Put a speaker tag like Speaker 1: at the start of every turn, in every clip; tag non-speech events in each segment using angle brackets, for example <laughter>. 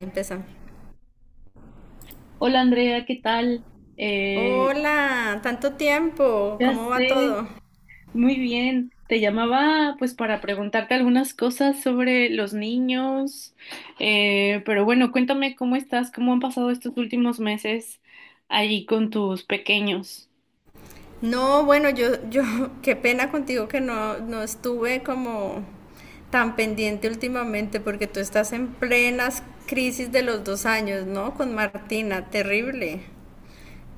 Speaker 1: Empezamos.
Speaker 2: Hola Andrea, ¿qué tal? Eh,
Speaker 1: Hola, tanto tiempo,
Speaker 2: ya
Speaker 1: ¿cómo va
Speaker 2: sé,
Speaker 1: todo?
Speaker 2: muy bien. Te llamaba pues para preguntarte algunas cosas sobre los niños. Pero bueno, cuéntame cómo estás, cómo han pasado estos últimos meses allí con tus pequeños.
Speaker 1: No, bueno, yo, <laughs> qué pena contigo que no estuve como tan pendiente últimamente porque tú estás en plenas crisis de los 2 años, ¿no? Con Martina, terrible.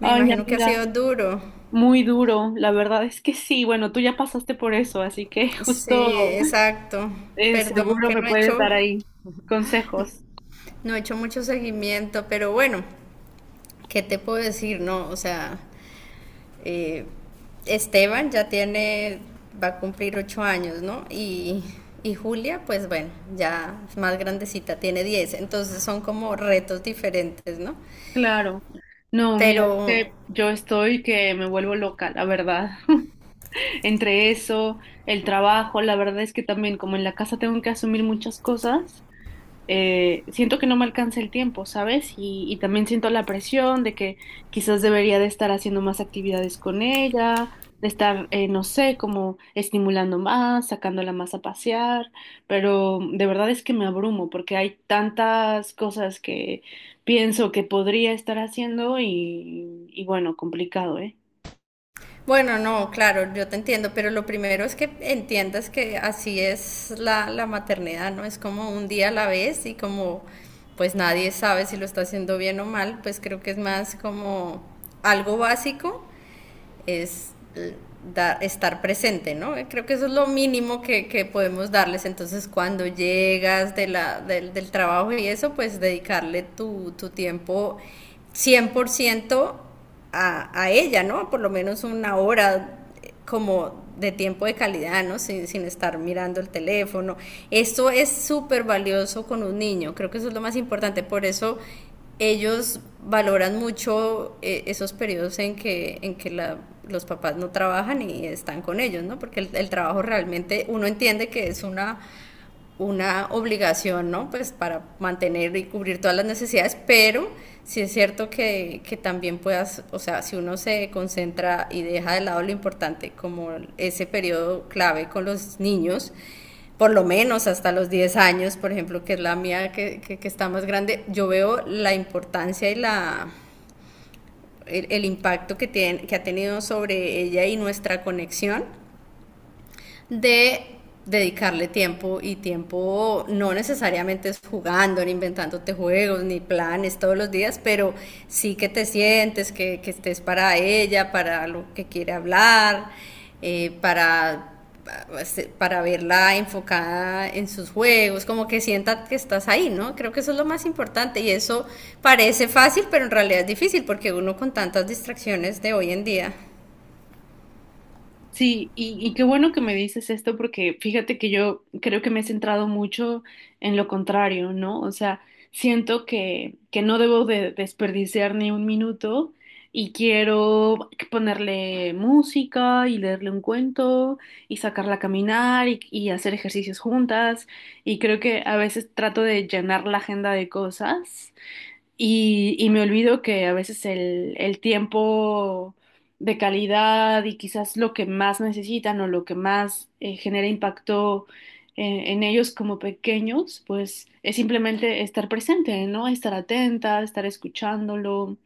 Speaker 1: Me
Speaker 2: Ay,
Speaker 1: imagino que ha
Speaker 2: amiga,
Speaker 1: sido duro.
Speaker 2: muy duro, la verdad es que sí, bueno, tú ya pasaste por eso, así que <laughs>
Speaker 1: Sí,
Speaker 2: justo,
Speaker 1: exacto. Perdón
Speaker 2: seguro
Speaker 1: que
Speaker 2: me
Speaker 1: no he
Speaker 2: puedes
Speaker 1: hecho,
Speaker 2: dar ahí consejos.
Speaker 1: no he hecho mucho seguimiento, pero bueno, ¿qué te puedo decir? No, o sea. Eh, Esteban ya va a cumplir 8 años, ¿no? Y Julia, pues bueno, ya es más grandecita, tiene 10, entonces son como retos diferentes, ¿no?
Speaker 2: Claro. No,
Speaker 1: Pero
Speaker 2: mira, es que yo estoy que me vuelvo loca, la verdad. <laughs> Entre eso, el trabajo, la verdad es que también como en la casa tengo que asumir muchas cosas. Siento que no me alcanza el tiempo, ¿sabes? Y también siento la presión de que quizás debería de estar haciendo más actividades con ella, de estar, no sé, como estimulando más, sacándola más a pasear, pero de verdad es que me abrumo porque hay tantas cosas que pienso que podría estar haciendo y bueno, complicado, ¿eh?
Speaker 1: bueno, no, claro, yo te entiendo, pero lo primero es que entiendas que así es la maternidad, ¿no? Es como un día a la vez y como pues nadie sabe si lo está haciendo bien o mal, pues creo que es más como algo básico es estar presente, ¿no? Creo que eso es lo mínimo que podemos darles. Entonces, cuando llegas de del trabajo y eso, pues dedicarle tu tiempo 100% a ella, ¿no? Por lo menos una hora, como de tiempo de calidad, ¿no? Sin estar mirando el teléfono. Esto es súper valioso con un niño, creo que eso es lo más importante, por eso ellos valoran mucho esos periodos en que los papás no trabajan y están con ellos, ¿no? Porque el trabajo realmente, uno entiende que es una obligación, ¿no? Pues para mantener y cubrir todas las necesidades, pero sí es cierto que también puedas, o sea, si uno se concentra y deja de lado lo importante, como ese periodo clave con los niños, por lo menos hasta los 10 años, por ejemplo, que es la mía que está más grande, yo veo la importancia y el impacto que ha tenido sobre ella y nuestra conexión de dedicarle tiempo, y tiempo no necesariamente es jugando, ni inventándote juegos, ni planes todos los días, pero sí que te sientes, que estés para ella, para lo que quiere hablar, eh, para, para verla enfocada en sus juegos, como que sienta que estás ahí, ¿no? Creo que eso es lo más importante y eso parece fácil, pero en realidad es difícil porque uno, con tantas distracciones de hoy en día.
Speaker 2: Sí, y qué bueno que me dices esto porque fíjate que yo creo que me he centrado mucho en lo contrario, ¿no? O sea, siento que no debo de desperdiciar ni un minuto y quiero ponerle música y leerle un cuento y sacarla a caminar y hacer ejercicios juntas y creo que a veces trato de llenar la agenda de cosas y me olvido que a veces el tiempo de calidad y quizás lo que más necesitan o lo que más genera impacto en ellos como pequeños, pues es simplemente estar presente, ¿no? Estar atenta, estar escuchándolo.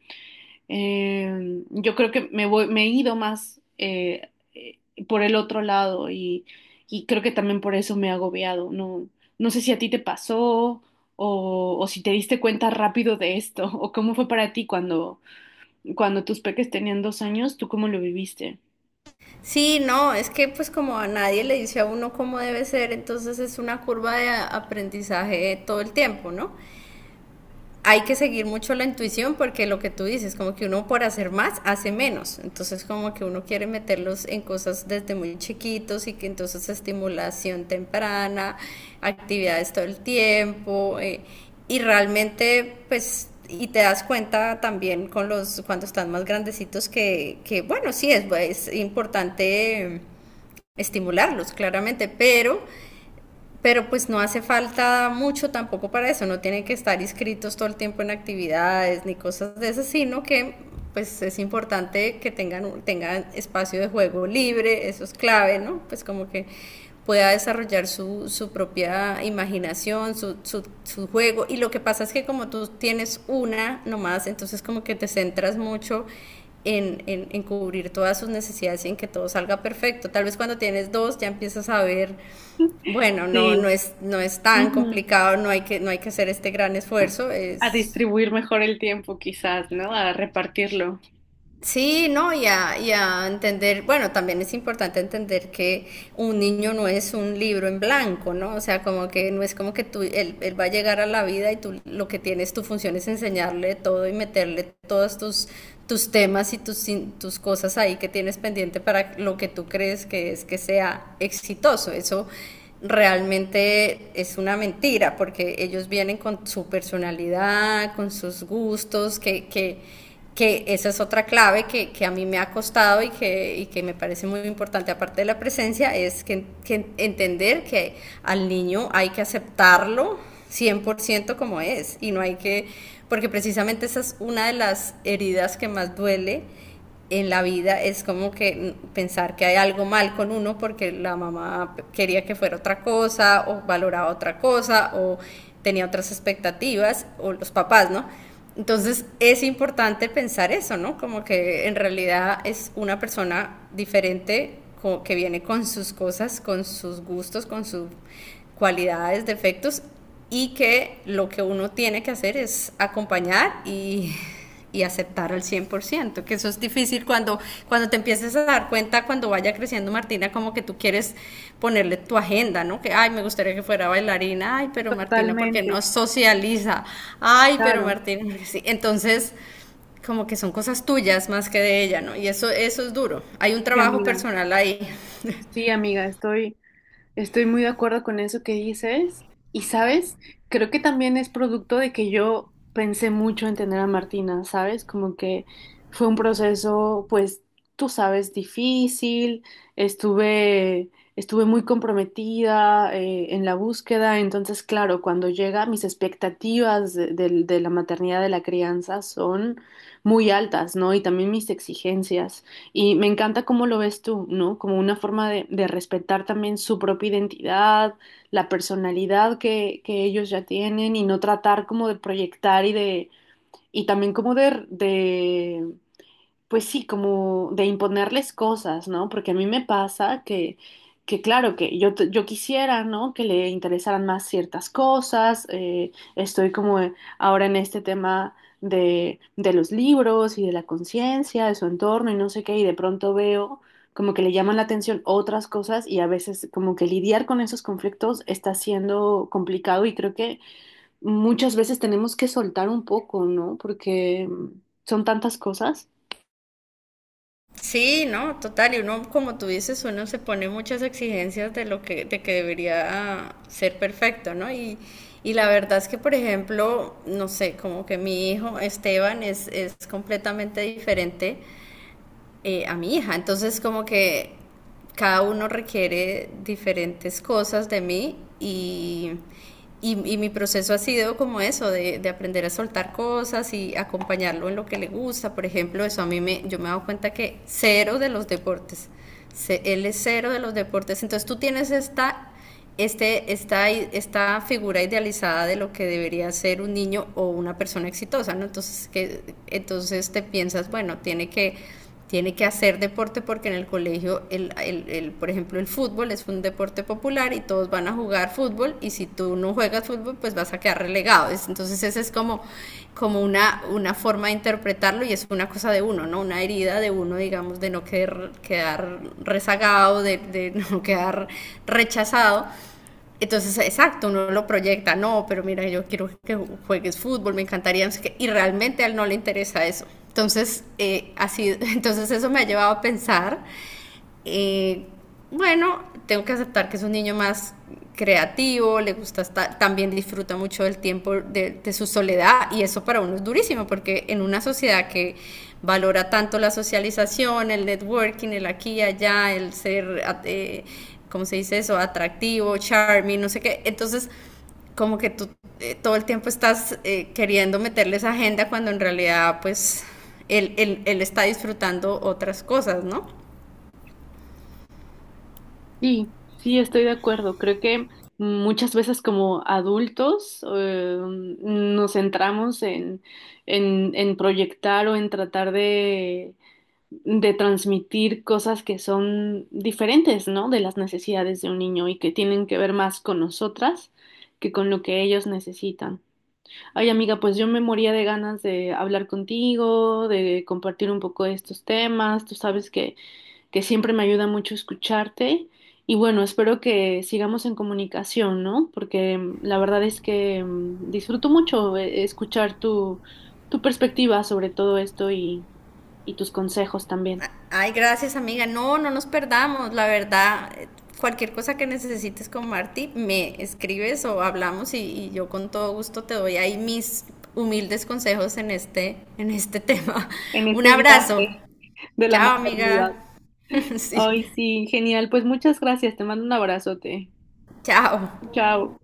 Speaker 2: Yo creo que me voy, me he ido más por el otro lado y creo que también por eso me he agobiado. No, no sé si a ti te pasó o si te diste cuenta rápido de esto o cómo fue para ti cuando tus peques tenían dos años, ¿tú cómo lo viviste?
Speaker 1: Sí, no, es que pues como a nadie le dice a uno cómo debe ser, entonces es una curva de aprendizaje todo el tiempo, ¿no? Hay que seguir mucho la intuición porque lo que tú dices, como que uno por hacer más hace menos. Entonces como que uno quiere meterlos en cosas desde muy chiquitos y que entonces estimulación temprana, actividades todo el tiempo, y realmente pues y te das cuenta también con los cuando están más grandecitos que bueno, sí es importante, estimularlos claramente, pero pues no hace falta mucho tampoco para eso, no tienen que estar inscritos todo el tiempo en actividades ni cosas de esas, sino que pues es importante que tengan espacio de juego libre, eso es clave, ¿no? Pues como que pueda desarrollar su, su propia imaginación, su juego. Y lo que pasa es que como tú tienes una nomás, entonces como que te centras mucho en cubrir todas sus necesidades y en que todo salga perfecto. Tal vez cuando tienes dos ya empiezas a ver bueno,
Speaker 2: Sí.
Speaker 1: no es tan
Speaker 2: Ujú.
Speaker 1: complicado, no hay que hacer este gran esfuerzo,
Speaker 2: A
Speaker 1: es.
Speaker 2: distribuir mejor el tiempo quizás, ¿no? A repartirlo.
Speaker 1: Sí, no, y a entender, bueno, también es importante entender que un niño no es un libro en blanco, ¿no? O sea, como que no es como que tú, él va a llegar a la vida y tú lo que tienes, tu función es enseñarle todo y meterle todos tus temas y tus cosas ahí que tienes pendiente para lo que tú crees que es que sea exitoso. Eso realmente es una mentira, porque ellos vienen con su personalidad, con sus gustos, que esa es otra clave a mí me ha costado y que me parece muy importante, aparte de la presencia, es que entender que al niño hay que aceptarlo 100% como es y no hay que, porque precisamente esa es una de las heridas que más duele en la vida, es como que pensar que hay algo mal con uno porque la mamá quería que fuera otra cosa o valoraba otra cosa o tenía otras expectativas, o los papás, ¿no? Entonces es importante pensar eso, ¿no? Como que en realidad es una persona diferente que viene con sus cosas, con sus gustos, con sus cualidades, defectos, y que lo que uno tiene que hacer es acompañar y <laughs> y aceptar al 100%, que eso es difícil cuando, cuando te empieces a dar cuenta, cuando vaya creciendo Martina, como que tú quieres ponerle tu agenda, ¿no? Que, ay, me gustaría que fuera bailarina, ay, pero Martina, porque
Speaker 2: Totalmente,
Speaker 1: no socializa? Ay, pero
Speaker 2: claro.
Speaker 1: Martina, <laughs> sí. Entonces, como que son cosas tuyas más que de ella, ¿no? Y eso es duro. Hay un
Speaker 2: Sí,
Speaker 1: trabajo
Speaker 2: amiga.
Speaker 1: personal ahí.
Speaker 2: Sí, amiga, estoy muy de acuerdo con eso que dices. Y sabes, creo que también es producto de que yo pensé mucho en tener a Martina, ¿sabes? Como que fue un proceso, pues, tú sabes, difícil. Estuve, estuve muy comprometida en la búsqueda. Entonces, claro, cuando llega, mis expectativas de la maternidad, de la crianza, son muy altas, ¿no? Y también mis exigencias. Y me encanta cómo lo ves tú, ¿no? Como una forma de respetar también su propia identidad, la personalidad que ellos ya tienen y no tratar como de proyectar y de, y también como de pues sí, como de imponerles cosas, ¿no? Porque a mí me pasa que claro, que yo quisiera, ¿no? Que le interesaran más ciertas cosas. Estoy como ahora en este tema de los libros y de la conciencia, de su entorno y no sé qué, y de pronto veo como que le llaman la atención otras cosas y a veces como que lidiar con esos conflictos está siendo complicado y creo que muchas veces tenemos que soltar un poco, ¿no? Porque son tantas cosas.
Speaker 1: Sí, no, total, y uno, como tú dices, uno se pone muchas exigencias de lo de que debería ser perfecto, ¿no? Y la verdad es que, por ejemplo, no sé, como que mi hijo Esteban es completamente diferente, a mi hija. Entonces, como que cada uno requiere diferentes cosas de mí, y mi proceso ha sido como eso, de aprender a soltar cosas y acompañarlo en lo que le gusta. Por ejemplo, eso a mí me, yo me he dado cuenta que cero de los deportes, él es cero de los deportes. Entonces tú tienes esta figura idealizada de lo que debería ser un niño o una persona exitosa, ¿no? Entonces, entonces te piensas, bueno, tiene que hacer deporte porque en el colegio, por ejemplo, el fútbol es un deporte popular y todos van a jugar fútbol, y si tú no juegas fútbol, pues vas a quedar relegado. Entonces esa es como, como una forma de interpretarlo, y es una cosa de uno, ¿no? Una herida de uno, digamos, de no quedar rezagado, de <laughs> no quedar rechazado. Entonces, exacto, uno lo proyecta, no, pero mira, yo quiero que juegues fútbol, me encantaría, no sé qué, y realmente a él no le interesa eso. Entonces, así, <laughs> entonces eso me ha llevado a pensar, eh, bueno, tengo que aceptar que es un niño más creativo, le gusta estar, también disfruta mucho del tiempo su soledad, y eso para uno es durísimo porque en una sociedad que valora tanto la socialización, el networking, el aquí y allá, el ser, ¿cómo se dice eso? Atractivo, charming, no sé qué, entonces como que tú todo el tiempo estás queriendo meterle esa agenda cuando en realidad pues él está disfrutando otras cosas, ¿no?
Speaker 2: Sí, sí, estoy de acuerdo. Creo que muchas veces como adultos nos centramos en proyectar o en tratar de transmitir cosas que son diferentes, ¿no? De las necesidades de un niño y que tienen que ver más con nosotras que con lo que ellos necesitan. Ay, amiga, pues yo me moría de ganas de hablar contigo, de compartir un poco de estos temas. Tú sabes que siempre me ayuda mucho escucharte. Y bueno, espero que sigamos en comunicación, ¿no? Porque la verdad es que disfruto mucho escuchar tu perspectiva sobre todo esto y tus consejos también
Speaker 1: Ay, gracias amiga. No, no nos perdamos. La verdad, cualquier cosa que necesites con Marti, me escribes o hablamos, y yo con todo gusto te doy ahí mis humildes consejos en en este tema.
Speaker 2: en
Speaker 1: <laughs> Un
Speaker 2: este
Speaker 1: abrazo.
Speaker 2: viaje de la
Speaker 1: Chao
Speaker 2: maternidad.
Speaker 1: amiga. <laughs> Sí,
Speaker 2: Ay, sí, genial. Pues muchas gracias. Te mando un abrazote.
Speaker 1: chao.
Speaker 2: Chao.